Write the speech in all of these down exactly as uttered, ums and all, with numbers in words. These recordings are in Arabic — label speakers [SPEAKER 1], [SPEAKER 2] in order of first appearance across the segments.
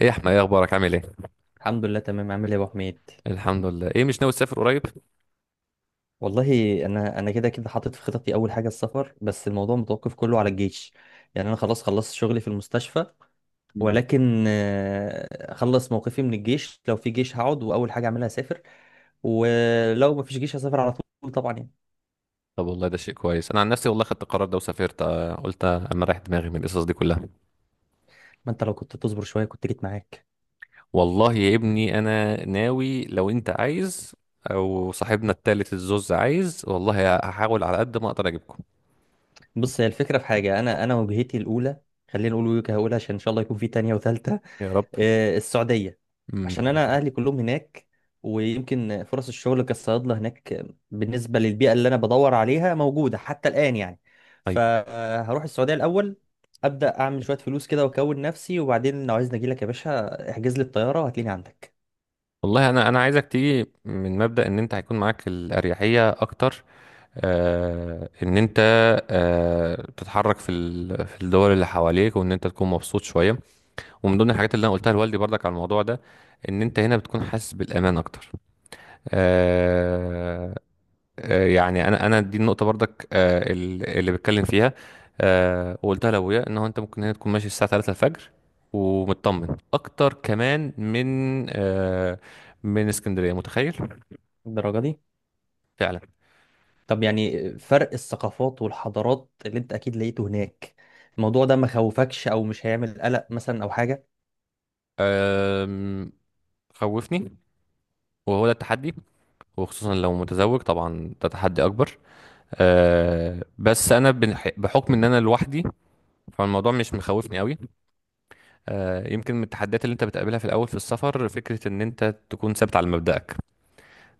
[SPEAKER 1] ايه يا احمد، ايه اخبارك؟ عامل ايه؟
[SPEAKER 2] الحمد لله تمام. عامل ايه يا ابو حميد؟
[SPEAKER 1] الحمد لله. ايه مش ناوي تسافر قريب؟
[SPEAKER 2] والله انا انا كده كده حاطط في خططي اول حاجه السفر، بس الموضوع متوقف كله على الجيش. يعني انا خلاص خلصت شغلي في المستشفى، ولكن آه، اخلص موقفي من الجيش. لو في جيش هقعد واول حاجه اعملها اسافر، ولو ما فيش جيش هسافر على طول طبعا يعني.
[SPEAKER 1] طب والله ده شيء كويس. انا عن نفسي والله خدت القرار ده وسافرت. آه، قلت اما رايح دماغي من القصص دي كلها.
[SPEAKER 2] ما انت لو كنت تصبر شويه كنت جيت معاك.
[SPEAKER 1] والله يا ابني انا ناوي. لو انت عايز او صاحبنا التالت الزوز عايز، والله هحاول على قد ما اقدر اجيبكم.
[SPEAKER 2] بص، هي الفكره في حاجه، انا انا وجهتي الاولى، خلينا نقول وجهه اولى عشان ان شاء الله يكون في تانية وثالثه،
[SPEAKER 1] يا رب.
[SPEAKER 2] آه، السعودية.
[SPEAKER 1] امم.
[SPEAKER 2] عشان أنا أهلي كلهم هناك، ويمكن فرص الشغل كصيادلة هناك بالنسبة للبيئة اللي أنا بدور عليها موجودة حتى الآن يعني.
[SPEAKER 1] ايوه،
[SPEAKER 2] فهروح السعودية الأول، أبدأ أعمل شوية فلوس كده وأكون نفسي، وبعدين لو عايزني أجيلك يا باشا احجز لي الطيارة وهتلاقيني عندك.
[SPEAKER 1] والله انا انا عايزك تيجي من مبدأ ان انت هيكون معاك الاريحيه اكتر. آه ان انت آه تتحرك في ال- في الدول اللي حواليك، وان انت تكون مبسوط شويه. ومن ضمن الحاجات اللي انا قلتها لوالدي برضك على الموضوع ده، ان انت هنا بتكون حاسس بالامان اكتر. آه آه، يعني انا انا دي النقطه برضك، آه ال- اللي بتكلم فيها. آه وقلتها لابويا ان هو انت ممكن هنا تكون ماشي الساعه تلاتة الفجر، ومطمن اكتر كمان من آه من اسكندريه، متخيل؟
[SPEAKER 2] الدرجة دي.
[SPEAKER 1] فعلا.
[SPEAKER 2] طب يعني فرق الثقافات والحضارات اللي أنت أكيد لقيته هناك، الموضوع ده ما خوفكش أو مش هيعمل قلق مثلا أو حاجة؟
[SPEAKER 1] آم، خوفني، وهو ده التحدي. وخصوصا لو متزوج طبعا ده تحدي اكبر. آه بس انا بنح- بحكم ان انا لوحدي، فالموضوع مش مخوفني قوي. آه، يمكن من التحديات اللي انت بتقابلها في الاول في السفر، فكره ان انت تكون ثابت على مبدأك.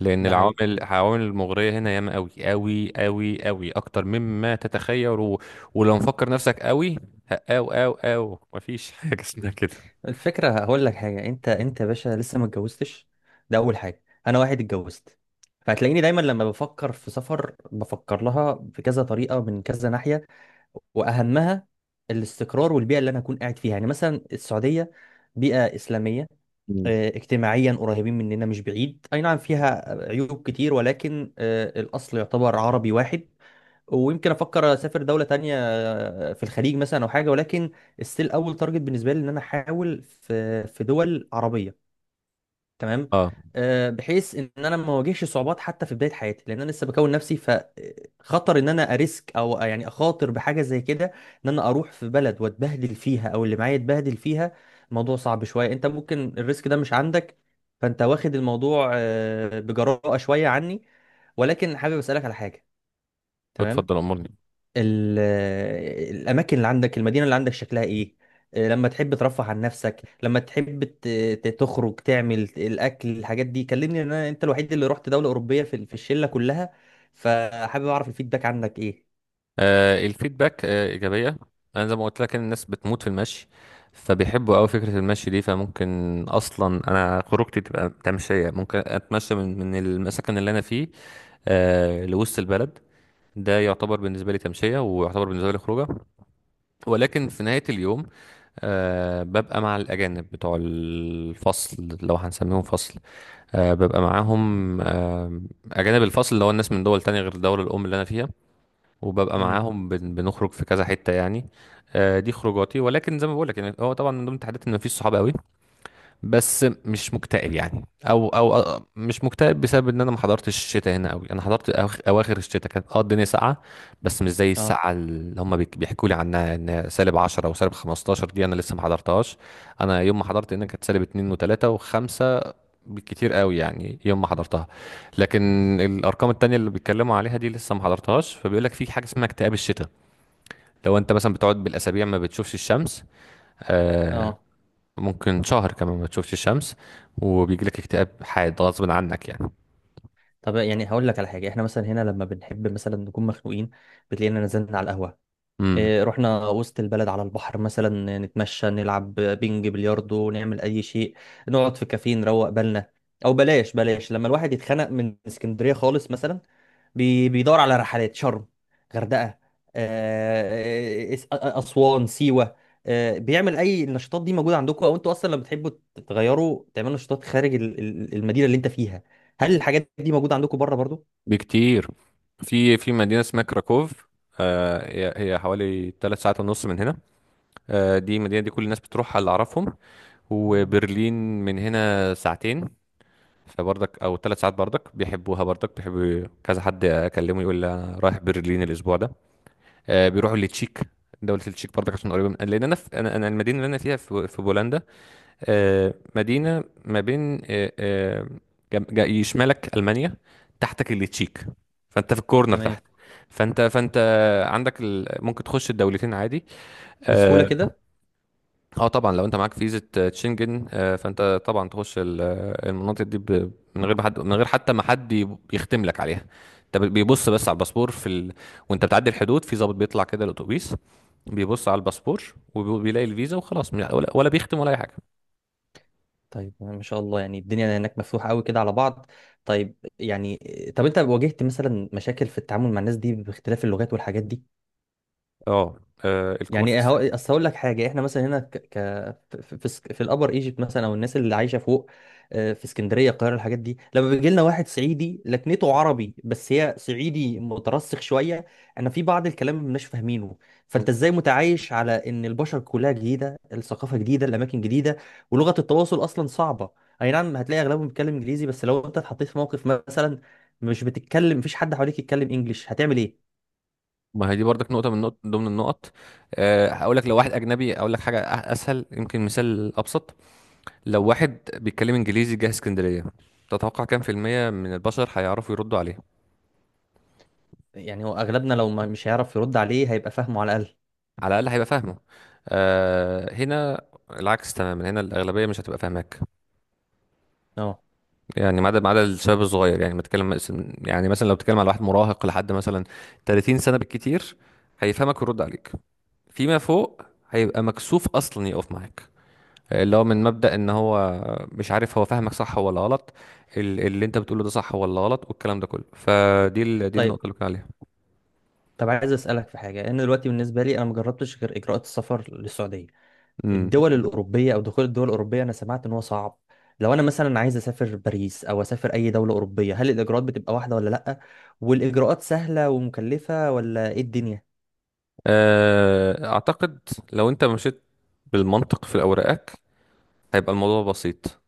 [SPEAKER 1] لان
[SPEAKER 2] ده
[SPEAKER 1] العوامل
[SPEAKER 2] حقيقي.
[SPEAKER 1] العوامل المغريه هنا ياما قوي قوي قوي قوي اكتر مما تتخيل و... ولو مفكر نفسك قوي، ه- او او او مفيش حاجه اسمها كده.
[SPEAKER 2] الفكرة هقول لك حاجة، انت انت يا باشا لسه ما اتجوزتش، ده اول حاجة. انا واحد اتجوزت، فهتلاقيني دايما لما بفكر في سفر بفكر لها بكذا طريقة من كذا ناحية، واهمها الاستقرار والبيئة اللي انا اكون قاعد فيها. يعني مثلا السعودية بيئة اسلامية،
[SPEAKER 1] مم.
[SPEAKER 2] اه، اجتماعيا قريبين مننا مش بعيد، اي نعم فيها عيوب كتير ولكن اه، الاصل يعتبر عربي واحد. ويمكن افكر اسافر دوله تانية في الخليج مثلا او حاجه، ولكن ستيل اول تارجت بالنسبه لي ان انا احاول في في دول عربيه تمام،
[SPEAKER 1] اه.
[SPEAKER 2] آه، بحيث ان انا ما اواجهش صعوبات حتى في بدايه حياتي، لان انا لسه بكون نفسي، فخطر ان انا اريسك او يعني اخاطر بحاجه زي كده، ان انا اروح في بلد واتبهدل فيها او اللي معايا يتبهدل فيها. الموضوع صعب شويه. انت ممكن الريسك ده مش عندك، فانت واخد الموضوع آه، بجراءه شويه عني، ولكن حابب اسالك على حاجه تمام.
[SPEAKER 1] اتفضل امرني.
[SPEAKER 2] ال- الاماكن اللي عندك، المدينه اللي عندك شكلها ايه؟ آه، لما تحب ترفه عن نفسك، لما تحب ت- ت- تخرج، تعمل الاكل، الحاجات دي كلمني، لأن انا انت الوحيد اللي رحت دوله اوروبيه في ال- في الشله كلها، فحابب اعرف الفيدباك عنك ايه.
[SPEAKER 1] آه، الفيدباك آه، إيجابية. أنا زي ما قلت لك إن الناس بتموت في المشي. فبيحبوا أوي فكرة المشي دي، فممكن أصلا أنا خروجتي تبقى تمشية، ممكن أتمشى من من المسكن اللي أنا فيه آه، لوسط البلد. ده يعتبر بالنسبة لي تمشية ويعتبر بالنسبة لي خروجة. ولكن في نهاية اليوم، آه ببقى مع الأجانب بتوع الفصل لو هنسميهم فصل. آه ببقى معاهم آه أجانب الفصل اللي هو الناس من دول تانية غير الدولة الأم اللي أنا فيها. وببقى
[SPEAKER 2] امم.
[SPEAKER 1] معاهم، بن- بنخرج في كذا حتة يعني. آه، دي خروجاتي. ولكن زي ما بقول لك يعني هو طبعا من ضمن التحديات ان مفيش صحاب قوي. بس مش مكتئب يعني، او او أو- مش مكتئب بسبب ان انا ما حضرتش الشتاء هنا قوي. انا حضرت أواخ- اواخر الشتاء، كانت اه الدنيا ساقعه. بس مش زي
[SPEAKER 2] اه.
[SPEAKER 1] الساعه اللي هم بيحكوا لي عنها، ان سالب عشرة او سالب خمستاشر دي انا لسه ما حضرتهاش. انا يوم ما حضرت انها كانت سالب اتنين و3 و5 بالكتير قوي، يعني يوم ما حضرتها. لكن الارقام التانية اللي بيتكلموا عليها دي لسه ما حضرتهاش. فبيقول لك في حاجه اسمها اكتئاب الشتاء. لو انت مثلا بتقعد بالاسابيع ما بتشوفش الشمس آه،
[SPEAKER 2] اه.
[SPEAKER 1] ممكن شهر كمان ما تشوفش الشمس، وبيجي لك اكتئاب حاد غصب عنك يعني.
[SPEAKER 2] طب يعني هقول لك على حاجه، احنا مثلا هنا لما بنحب مثلا نكون مخنوقين بتلاقينا نزلنا على القهوه،
[SPEAKER 1] امم.
[SPEAKER 2] إيه، رحنا وسط البلد على البحر مثلا، نتمشى، نلعب بينج بلياردو، نعمل اي شيء، نقعد في كافيه نروق بالنا. او بلاش بلاش، لما الواحد يتخنق من اسكندرية خالص مثلا، بي- بيدور على رحلات شرم، غردقة، آه، إس- أ- أ- أسوان، سيوة. آه، بيعمل أي النشاطات دي موجودة عندكم؟ أو أنتوا أصلا لما بتحبوا تغيروا تعملوا نشاطات خارج ال- ال- المدينة اللي أنت فيها، هل الحاجات دي موجودة عندكم بره برضو؟
[SPEAKER 1] بكتير. في في مدينه اسمها كراكوف. آه هي هي حوالي ثلاث ساعات ونص من هنا. آه دي المدينه دي كل الناس بتروحها اللي اعرفهم. وبرلين من هنا ساعتين، فبرضك او ثلاث ساعات، برضك بيحبوها، برضك بيحبوا. كذا حد اكلمه يقول لي انا رايح برلين الاسبوع ده. آه بيروحوا لتشيك. دولة التشيك برضك عشان قريبة. من لأن أنا في أنا أنا المدينة اللي أنا فيها في في بولندا. آه، مدينة ما بين، آه، آه، جم- جا- يشمالك ألمانيا، تحتك اللي تشيك. فأنت في الكورنر
[SPEAKER 2] تمام.
[SPEAKER 1] تحت. فأنت فأنت عندك ال... ممكن تخش الدولتين عادي.
[SPEAKER 2] بسهولة
[SPEAKER 1] اه.
[SPEAKER 2] كده.
[SPEAKER 1] آه طبعا لو انت معاك فيزا آه، شنجن، آه، فانت طبعا تخش ال- آه، المناطق دي، ب... من غير ما حد من غير حتى ما حد يب- يختم لك عليها. انت ب- بيبص بس على الباسبور في ال... وانت بتعدي الحدود، في ضابط بيطلع كده الاتوبيس، بيبص على الباسبور، وبيلاقي الفيزا وخلاص، ولا ولا بيختم ولا اي حاجه.
[SPEAKER 2] طيب، ما شاء الله، يعني الدنيا هناك مفتوحة قوي كده على بعض. طيب يعني، طب انت واجهت مثلا مشاكل في التعامل مع الناس دي باختلاف اللغات والحاجات دي؟
[SPEAKER 1] اه. آه، الكبار في
[SPEAKER 2] يعني هو
[SPEAKER 1] السن.
[SPEAKER 2] اصل هقول لك حاجه، احنا مثلا هنا ك... ك... في في, اسك- في الابر ايجيبت مثلا، او الناس اللي عايشه فوق، آه، في اسكندريه، القاهره، الحاجات دي، لما بيجي لنا واحد صعيدي لكنته عربي بس هي صعيدي مترسخ شويه، انا في بعض الكلام ما بناش فاهمينه.
[SPEAKER 1] مم.
[SPEAKER 2] فانت ازاي متعايش على ان البشر كلها جديده، الثقافه جديده، الاماكن جديده، ولغه التواصل اصلا صعبه؟ اي نعم هتلاقي اغلبهم بيتكلم انجليزي، بس لو انت اتحطيت في موقف مثلا مش بتتكلم، مفيش حد حواليك يتكلم انجليش، هتعمل ايه؟
[SPEAKER 1] ما هي دي برضك نقطة من نقط ضمن النقط. آه، هقول لك. لو واحد أجنبي أقول لك حاجة أ- أسهل، يمكن مثال أبسط. لو واحد بيتكلم إنجليزي جه اسكندرية، تتوقع كام في المية من البشر هيعرفوا يردوا عليه؟
[SPEAKER 2] يعني هو اغلبنا لو ما مش هيعرف يرد عليه هيبقى فاهمه على الاقل.
[SPEAKER 1] على الأقل هيبقى فاهمه. آه، هنا العكس تماما. هنا الأغلبية مش هتبقى فاهماك.
[SPEAKER 2] اه.
[SPEAKER 1] يعني ما عدا ما عدا الشباب الصغير، يعني ما تتكلم مس- يعني مثلا لو بتتكلم على واحد مراهق لحد مثلا تلاتين سنة بالكتير، هيفهمك ويرد عليك. فيما فوق، هيبقى مكسوف أصلا يقف معاك، اللي هو من مبدأ ان هو مش عارف هو فاهمك صح ولا غلط، ال- اللي انت بتقوله ده صح ولا غلط، والكلام ده كله، فدي ال- دي
[SPEAKER 2] طيب،
[SPEAKER 1] النقطة اللي كنا عليها.
[SPEAKER 2] طب عايز اسالك في حاجه. انا دلوقتي بالنسبه لي انا ما جربتش غير اجراءات السفر للسعوديه.
[SPEAKER 1] امم.
[SPEAKER 2] الدول الاوروبيه، او دخول الدول الاوروبيه، انا سمعت ان هو صعب. لو انا مثلا عايز اسافر باريس او اسافر اي دوله اوروبيه، هل الاجراءات بتبقى واحده ولا لا؟ والاجراءات سهله ومكلفه ولا ايه الدنيا؟
[SPEAKER 1] آه، اعتقد لو انت مشيت بالمنطق في اوراقك، هيبقى الموضوع بسيط.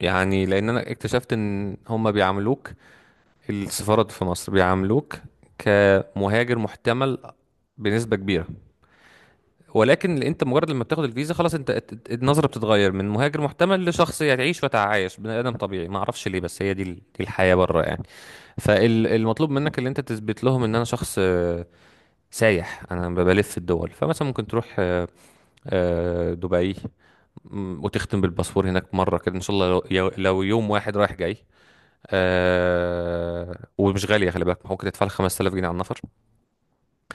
[SPEAKER 1] يعني لان انا اكتشفت ان هم بيعاملوك، السفارات في مصر بيعاملوك كمهاجر محتمل بنسبة كبيرة. ولكن انت مجرد لما بتاخد الفيزا خلاص، انت ات- ات- النظره بتتغير من مهاجر محتمل لشخص هتعيش وتعايش بني ادم طبيعي. ما اعرفش ليه، بس هي دي ال- دي الحياه بره يعني. فالمطلوب منك اللي انت تثبت لهم ان انا شخص آه، سايح، انا ب- بلف في الدول. فمثلا ممكن تروح آه، آه، دبي، م، وتختم بالباسبور هناك مره كده ان شاء الله، لو يو- لو يوم واحد رايح جاي. آه ومش غاليه، خلي بالك ممكن تدفع لك خمسة آلاف جنيه على النفر.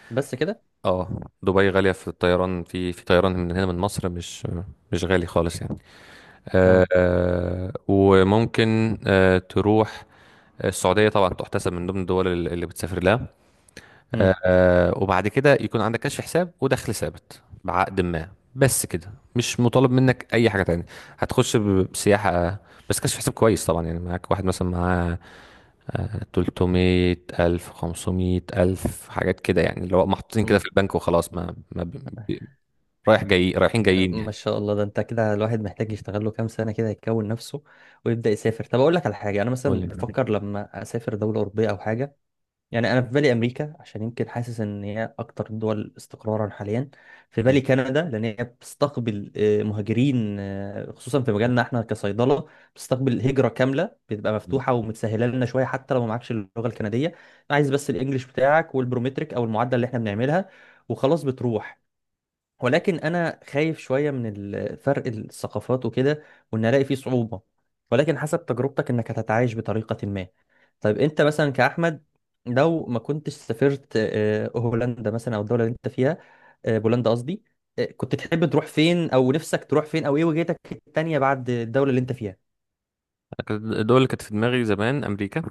[SPEAKER 2] بس كده.
[SPEAKER 1] اه. دبي غاليه في الطيران، في في طيران من هنا من مصر، مش مش غالي خالص يعني.
[SPEAKER 2] اه.
[SPEAKER 1] آه، آه، وممكن آه، تروح آه، السعودية طبعا، تحتسب من ضمن الدول اللي اللي بتسافر لها. آه، آه، وبعد كده يكون عندك كشف حساب ودخل ثابت بعقد ما، بس كده مش مطالب منك أي حاجة تانية. هتخش ب- بسياحة، بس كشف حساب كويس طبعا، يعني معاك واحد مثلا معاه آه، تلتمية ألف خمسمية ألف حاجات كده، يعني اللي هو محطوطين كده في
[SPEAKER 2] امم.
[SPEAKER 1] البنك وخلاص ما, ما ب... ب- رايح جاي، رايحين جايين
[SPEAKER 2] ما
[SPEAKER 1] يعني.
[SPEAKER 2] شاء الله، ده انت كده الواحد محتاج يشتغل له كام سنة كده يكون نفسه ويبدأ يسافر. طب اقول لك على حاجة، انا
[SPEAKER 1] قول
[SPEAKER 2] مثلا بفكر لما اسافر دولة أوروبية او حاجة، يعني انا في بالي امريكا عشان يمكن حاسس ان هي اكتر الدول استقرارا حاليا. في بالي كندا لان هي بتستقبل آه، مهاجرين، آه، خصوصا في مجالنا احنا كصيدلة، بتستقبل هجرة كاملة، بتبقى
[SPEAKER 1] لي.
[SPEAKER 2] مفتوحة ومتسهلة لنا شوية حتى لو ما معكش اللغة الكندية، عايز بس الانجليش بتاعك والبرومتريك او المعادلة اللي احنا بنعملها وخلاص بتروح. ولكن انا خايف شويه من ال- فرق الثقافات وكده، وان الاقي فيه صعوبه، ولكن حسب تجربتك انك هتتعايش بطريقه ما. طيب انت مثلا كاحمد، لو ما كنتش سافرت آه، هولندا مثلا او الدوله اللي انت فيها، آه، بولندا قصدي، آه، كنت تحب تروح فين، او نفسك تروح فين، او ايه وجهتك التانيه بعد الدوله اللي انت فيها؟
[SPEAKER 1] كانت- الدول اللي كانت في دماغي زمان امريكا،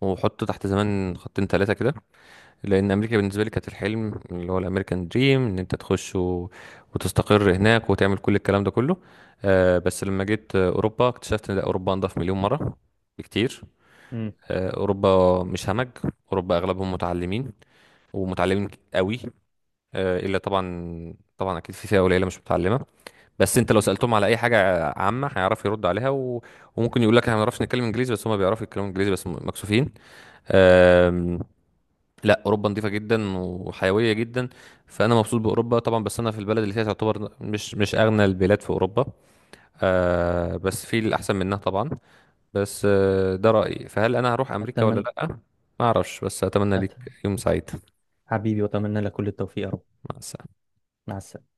[SPEAKER 1] وحط تحت زمان خطين ثلاثه كده. لان امريكا بالنسبه لي كانت الحلم، اللي هو الامريكان دريم، ان انت تخش و... وتستقر هناك وتعمل كل الكلام ده كله. آه بس لما جيت آه، اوروبا، اكتشفت ان لا، اوروبا انضف مليون مره بكتير.
[SPEAKER 2] امم.
[SPEAKER 1] آه اوروبا مش همج. اوروبا اغلبهم متعلمين، ومتعلمين قوي. آه الا طبعا، طبعا اكيد في فئه قليله مش متعلمه. بس انت لو سالتهم على اي حاجه عامه، هيعرف يرد عليها و... وممكن يقول لك احنا ما بنعرفش نتكلم انجليزي، بس هم بيعرفوا يتكلموا انجليزي، بس م- مكسوفين. أم... لا، اوروبا نظيفه جدا وحيويه جدا. فانا مبسوط باوروبا طبعا، بس انا في البلد اللي فيها تعتبر مش مش اغنى البلاد في اوروبا. أه... بس في الاحسن منها طبعا. بس أه... ده رايي. فهل انا هروح امريكا ولا
[SPEAKER 2] اتمنى.
[SPEAKER 1] لا؟ ما اعرفش. بس اتمنى
[SPEAKER 2] أت...
[SPEAKER 1] ليك يوم سعيد.
[SPEAKER 2] حبيبي، واتمنى لك كل التوفيق يا رب.
[SPEAKER 1] مع السلامه.
[SPEAKER 2] مع السلامه.